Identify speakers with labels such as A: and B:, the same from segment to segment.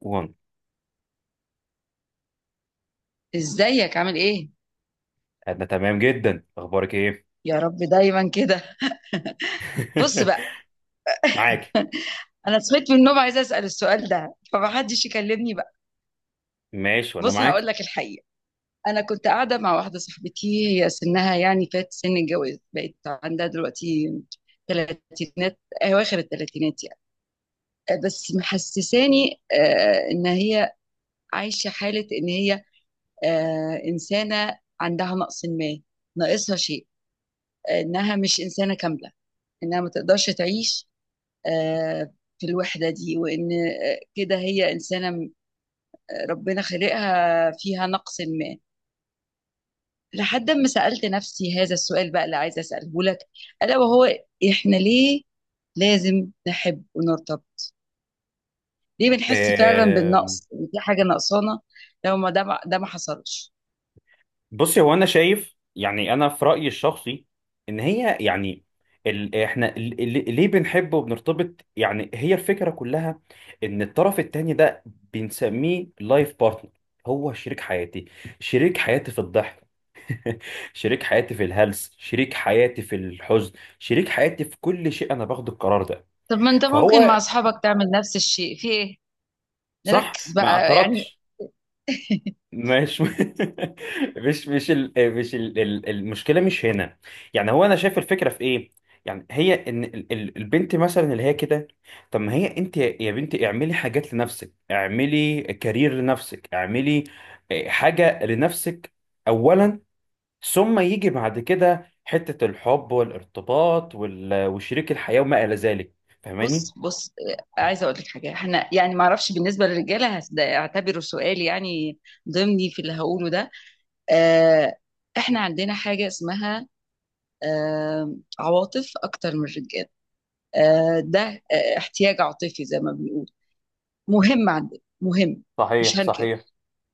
A: وان.
B: ازيك عامل ايه؟
A: انا تمام جدا، اخبارك ايه؟
B: يا رب دايما كده. بص بقى،
A: معاك.
B: انا صحيت من النوم عايزه اسال السؤال ده فمحدش يكلمني بقى.
A: ماشي وانا
B: بص هقول
A: معاك.
B: لك الحقيقه. انا كنت قاعده مع واحده صاحبتي، هي سنها يعني فات سن الجواز، بقت عندها دلوقتي تلاتينات، اواخر التلاتينات يعني. بس محسساني ان هي عايشه حاله، ان هي انسانه عندها نقص ما، ناقصها شيء، انها مش انسانه كامله، انها ما تقدرش تعيش آه، في الوحدة دي، وإن كده هي ربنا خلقها فيها نقص ما. لحد ما سألت نفسي هذا السؤال بقى، اللي عايزة أسأله لك، ألا وهو: إحنا ليه لازم نحب ونرتبط؟ ليه بنحس فعلا
A: آم،
B: بالنقص، إن في حاجة نقصانة لو ما ده ما حصلش؟
A: بصي، هو انا شايف، يعني انا في رايي الشخصي، ان هي يعني ال... احنا ال... ال- ليه بنحب وبنرتبط؟ يعني هي الفكره كلها ان الطرف التاني ده بنسميه لايف بارتنر. هو شريك حياتي، شريك حياتي في الضحك، شريك حياتي في الهلس، شريك حياتي في الحزن، شريك حياتي في كل شيء. انا باخد القرار ده،
B: طب ما أنت ممكن مع
A: فهو
B: أصحابك تعمل نفس الشيء، في إيه؟
A: صح،
B: نركز
A: ما
B: بقى يعني.
A: اعترضتش. مش مش مش المشكله مش هنا. يعني هو انا شايف الفكره في ايه، يعني هي ان البنت مثلا اللي هي كده، طب ما هي انت يا بنتي، اعملي حاجات لنفسك، اعملي كارير لنفسك، اعملي حاجه لنفسك اولا، ثم يجي بعد كده حته الحب والارتباط وال... وشريك الحياه وما الى ذلك. فاهماني؟
B: بص بص، عايزه اقول لك حاجه، احنا يعني ما اعرفش بالنسبه للرجاله، ده اعتبره سؤال يعني، ضمني في اللي هقوله ده. آه، احنا عندنا حاجه اسمها عواطف اكتر من الرجال. آه، ده آه، احتياج عاطفي زي ما بنقول، مهم عندنا، مهم. مش
A: صحيح
B: هنكر.
A: صحيح.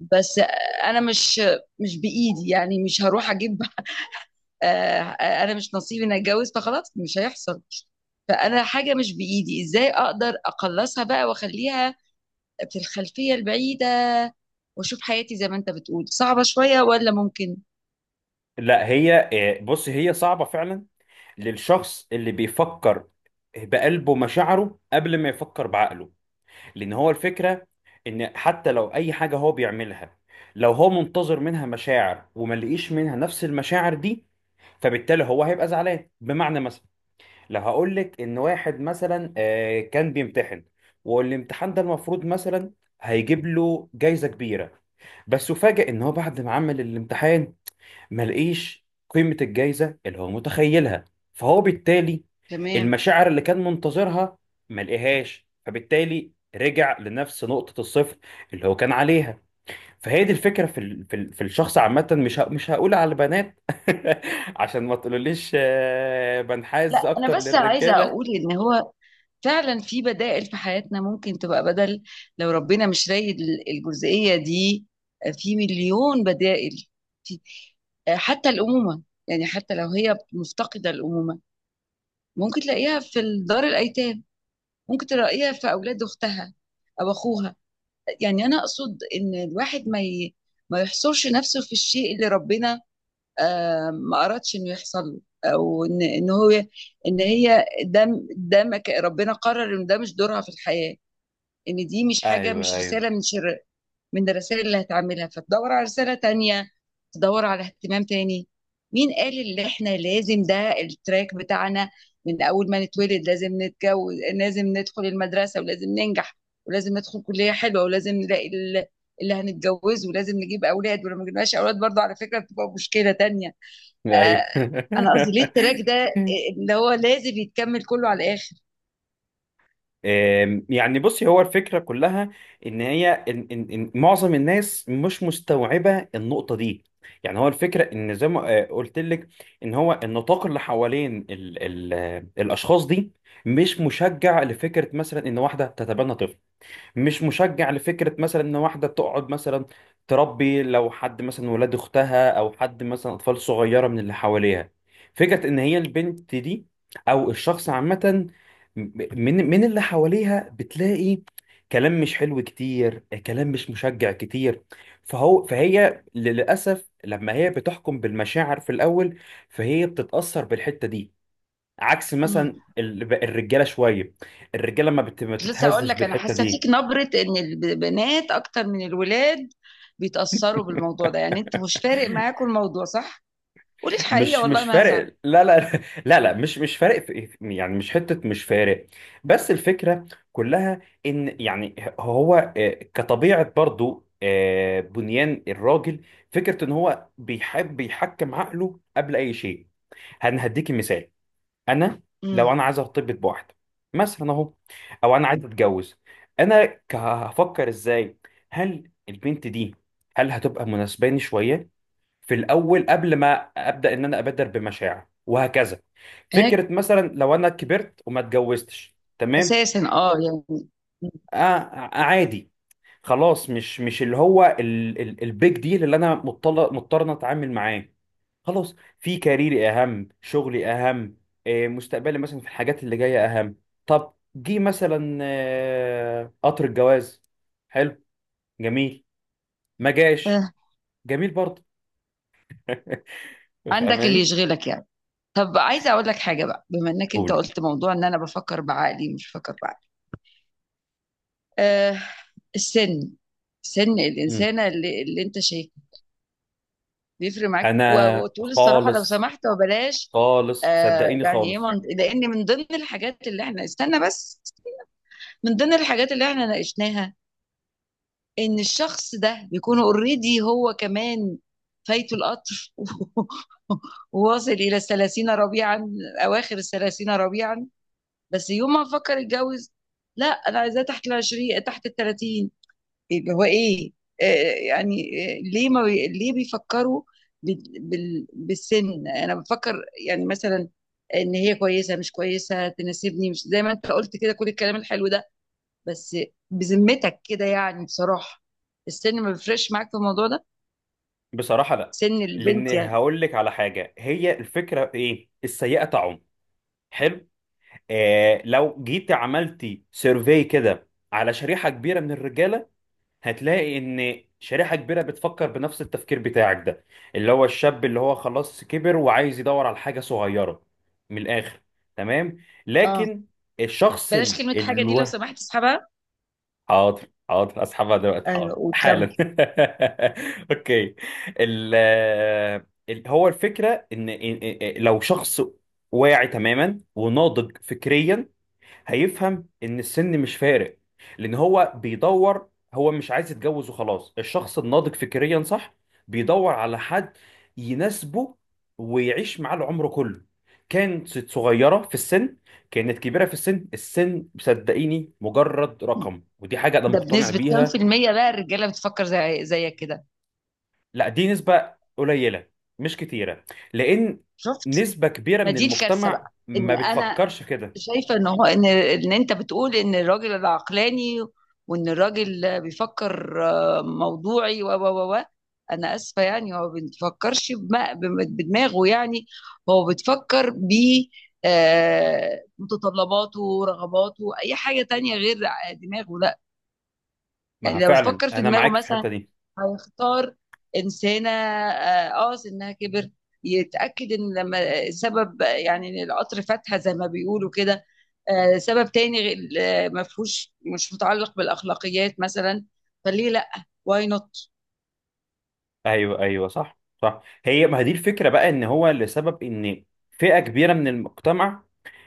B: بس انا مش بايدي يعني، مش هروح اجيب. آه، انا مش نصيبي اني اتجوز، فخلاص مش هيحصل. فانا حاجه مش بايدي، ازاي اقدر اقلصها بقى واخليها في الخلفية البعيدة، واشوف حياتي زي ما انت بتقول صعبة شوية، ولا ممكن؟
A: لا هي بص، هي صعبة فعلا للشخص اللي بيفكر بقلبه مشاعره قبل ما يفكر بعقله، لأن هو الفكرة إن حتى لو أي حاجة هو بيعملها، لو هو منتظر منها مشاعر وما لقيش منها نفس المشاعر دي، فبالتالي هو هيبقى زعلان. بمعنى، مثلا لو هقول لك ان واحد مثلا كان بيمتحن، والامتحان ده المفروض مثلا هيجيب له جايزة كبيرة، بس فاجئ ان هو بعد ما عمل الامتحان ما لقيش قيمة الجايزة اللي هو متخيلها، فهو بالتالي
B: تمام.
A: المشاعر اللي كان منتظرها ما لقيهاش، فبالتالي رجع لنفس نقطة الصفر اللي هو كان عليها. فهي دي الفكرة في الشخص عامة. مش هقول على البنات عشان ما تقولوليش بنحاز
B: لا، انا
A: أكتر
B: بس عايزة
A: للرجالة.
B: اقول ان هو فعلا في بدائل في حياتنا، ممكن تبقى بدل لو ربنا مش رايد الجزئية دي. في مليون بدائل. في حتى الأمومة. يعني حتى لو هي مفتقدة الأمومة، ممكن تلاقيها في دار الأيتام، ممكن تلاقيها في أولاد أختها أو أخوها. يعني أنا أقصد إن الواحد ما يحصرش نفسه في الشيء اللي ربنا ما أردش إنه يحصل له، أو إن هو، إن هي ده، ده ما ك- ربنا قرر إن ده مش دورها في الحياة، إن دي مش حاجة،
A: أيوه
B: مش
A: أيوه
B: رسالة من شر من الرسائل اللي هتعملها، فتدور على رسالة تانية، تدور على اهتمام تاني. مين قال إن إحنا لازم ده التراك بتاعنا، من أول ما نتولد لازم نتجوز، لازم ندخل المدرسة، ولازم ننجح، ولازم ندخل كلية حلوة، ولازم نلاقي اللي هنتجوزه، ولازم نجيب أولاد، ولو ما جبناش أولاد برضه، على فكرة، بتبقى مشكلة تانية. آه،
A: أيوه.
B: انا قصدي ليه التراك ده اللي هو لازم يتكمل كله على الاخر؟
A: يعني بصي، هو الفكرة كلها إن هي إن معظم الناس مش مستوعبة النقطة دي. يعني هو الفكرة إن زي ما قلت لك، إن هو النطاق اللي حوالين ال الأشخاص دي مش مشجع لفكرة مثلا إن واحدة تتبنى طفل، مش مشجع لفكرة مثلا ان واحدة تقعد مثلا تربي، لو حد مثلا ولاد اختها او حد مثلا اطفال صغيرة من اللي حواليها. فكرة ان هي البنت دي او الشخص عامة من اللي حواليها بتلاقي كلام مش حلو كتير، كلام مش مشجع كتير. فهو فهي للأسف لما هي بتحكم بالمشاعر في الأول، فهي بتتأثر بالحتة دي عكس
B: امم.
A: مثلا الرجالة شوية. الرجالة ما
B: كنت لسه اقول
A: بتتهزش
B: لك، انا
A: بالحتة
B: حاسه فيك
A: دي.
B: نبره ان البنات اكتر من الولاد بيتاثروا بالموضوع ده. يعني انتوا مش فارق معاكم الموضوع، صح؟ قولي الحقيقه
A: مش
B: والله
A: مش
B: ما هزعل.
A: فارق، لا لا. لا لا، مش فارق في، يعني مش حتة، مش فارق. بس الفكرة كلها ان يعني هو كطبيعة برضو، بنيان الراجل، فكرة ان هو بيحب يحكم عقله قبل اي شيء. هديكي مثال، انا لو
B: امم.
A: انا عايز ارتبط بواحدة مثلا اهو، او انا عايز اتجوز، انا هفكر ازاي؟ هل البنت دي، هل هتبقى مناسباني شوية في الاول، قبل ما ابدا ان انا ابادر بمشاعر وهكذا؟
B: هيك
A: فكره مثلا لو انا كبرت وما اتجوزتش، تمام،
B: اساسا، يعني
A: عادي، خلاص. مش اللي هو البيج ديل اللي انا مضطر، إن أنا اتعامل معاه. خلاص، في كاريري اهم، شغلي اهم، مستقبلي مثلا في الحاجات اللي جايه اهم. طب جه مثلا قطر الجواز، حلو، جميل. ما جاش،
B: آه،
A: جميل برضه.
B: عندك اللي
A: فاهماني؟
B: يشغلك يعني. طب عايزه اقول لك حاجه بقى، بما انك انت
A: قولي.
B: قلت موضوع ان انا بفكر بعقلي، مش بفكر بعقلي. أه، السن، سن الانسانه اللي انت شايف، بيفرق معاك؟
A: انا
B: وتقول الصراحه لو
A: خالص،
B: سمحت، وبلاش.
A: خالص صدقيني،
B: يعني ايه؟
A: خالص.
B: لان من ضمن الحاجات اللي احنا، استنى بس، من ضمن الحاجات اللي احنا ناقشناها، ان الشخص ده بيكون اوريدي هو كمان، فايته القطر، وواصل الى 30 ربيعا، اواخر 30 ربيعا. بس يوم ما فكر يتجوز: لا، انا عايزاه تحت 20، تحت 30. اللي هو ايه؟ آه، يعني ليه ما بي... ليه بيفكروا بالسن؟ انا بفكر يعني مثلا، ان هي كويسه مش كويسه، تناسبني مش زي ما انت قلت كده كل الكلام الحلو ده. بس بذمتك كده يعني، بصراحه، السن ما بيفرقش معاك في الموضوع ده،
A: بصراحه لا.
B: سن
A: لان
B: البنت يعني؟
A: هقول لك على حاجه، هي الفكره في ايه، السيئه طعم، حلو. آه، لو جيت عملتي سيرفي كده على شريحه كبيره من الرجاله، هتلاقي ان شريحه كبيره بتفكر بنفس التفكير بتاعك ده، اللي هو الشاب اللي هو خلاص كبر وعايز يدور على حاجه صغيره. من الاخر، تمام،
B: اه،
A: لكن الشخص
B: بلاش
A: اللي،
B: كلمه حاجه دي لو سمحت، اسحبها.
A: حاضر. حاضر، اسحبها دلوقتي،
B: ايوه،
A: حاضر
B: وكم؟
A: حالا. اوكي. ال هو الفكره ان لو شخص واعي تماما وناضج فكريا، هيفهم ان السن مش فارق. لان هو بيدور، هو مش عايز يتجوز وخلاص، الشخص الناضج فكريا صح بيدور على حد يناسبه ويعيش معاه العمر كله. كانت صغيرة في السن، كانت كبيرة في السن، السن صدقيني مجرد رقم، ودي حاجة أنا
B: ده
A: مقتنع
B: بنسبه كام في
A: بيها.
B: الميه بقى الرجاله بتفكر زي زيك كده؟
A: لا، دي نسبة قليلة، مش كتيرة، لأن
B: شفت؟
A: نسبة كبيرة
B: ما
A: من
B: دي الكارثه
A: المجتمع
B: بقى،
A: ما
B: ان انا
A: بتفكرش كده.
B: شايفة ان هو، ان انت بتقول ان الراجل العقلاني، وان الراجل بيفكر موضوعي، و. انا اسفة يعني، هو ما بيفكرش بدماغه يعني. هو بتفكر ب متطلباته ورغباته، اي حاجة تانية غير دماغه، لا. يعني
A: ما
B: لو
A: فعلا
B: بتفكر في
A: أنا
B: دماغه
A: معاك في الحتة
B: مثلا،
A: دي.
B: هيختار إنسانة سنها كبر، يتأكد إن لما سبب، يعني إن القطر فاتها زي ما بيقولوا كده سبب تاني ما فيهوش، مش متعلق بالأخلاقيات مثلا، فليه لأ؟ واي نوت.
A: ايوه ايوه صح صح. هي ما هي دي الفكره بقى، ان هو لسبب ان فئه كبيره من المجتمع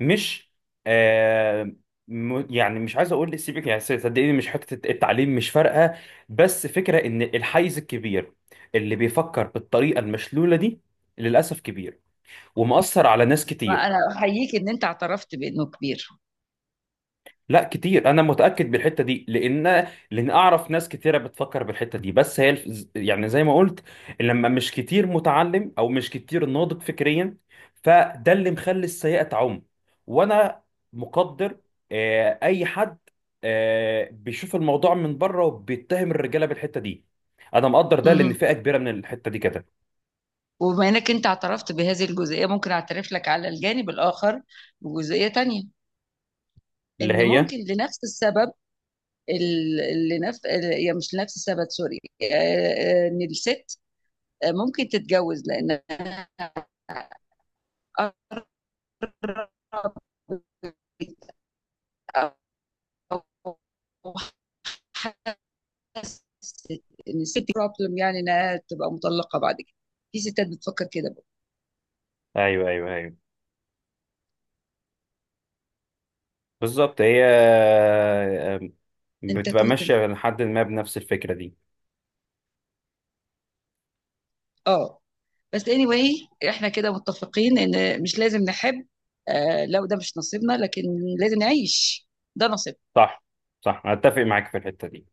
A: مش، آه، يعني مش عايز اقول سيبك، يعني صدقيني مش حته التعليم مش فارقه، بس فكره ان الحيز الكبير اللي بيفكر بالطريقه المشلوله دي للاسف كبير ومؤثر على ناس كتير.
B: أنا أحييك إن أنت اعترفت بإنه كبير.
A: لا كتير، انا متاكد بالحته دي، لان اعرف ناس كتيره بتفكر بالحته دي. بس هي يعني زي ما قلت، لما مش كتير متعلم او مش كتير ناضج فكريا، فده اللي مخلي السيئه تعم. وانا مقدر اي حد بيشوف الموضوع من بره وبيتهم الرجاله بالحته دي، انا مقدر ده لان
B: مهم.
A: فئه كبيره من الحته دي كده.
B: وبما إنك أنت اعترفت بهذه الجزئية، ممكن أعترف لك على الجانب الآخر بجزئية تانية،
A: اللي
B: إن
A: هي
B: ممكن لنفس السبب، ال- اللي نفس يا، مش لنفس السبب، سوري. ان الست ممكن تتجوز لان أقرب، أو حست ان الست بروبلم، يعني انها تبقى مطلقه بعد كده. في ستات بتفكر كده بقى.
A: ايوه ايوه ايوه، بالظبط. هي
B: انت
A: بتبقى
B: تهتم.
A: ماشيه لحد ما بنفس الفكره دي.
B: اه، بس اني anyway احنا كده متفقين ان مش لازم نحب، آه لو ده مش نصيبنا، لكن لازم نعيش، ده نصيبنا.
A: صح صح، أنا أتفق معاك في الحتة دي.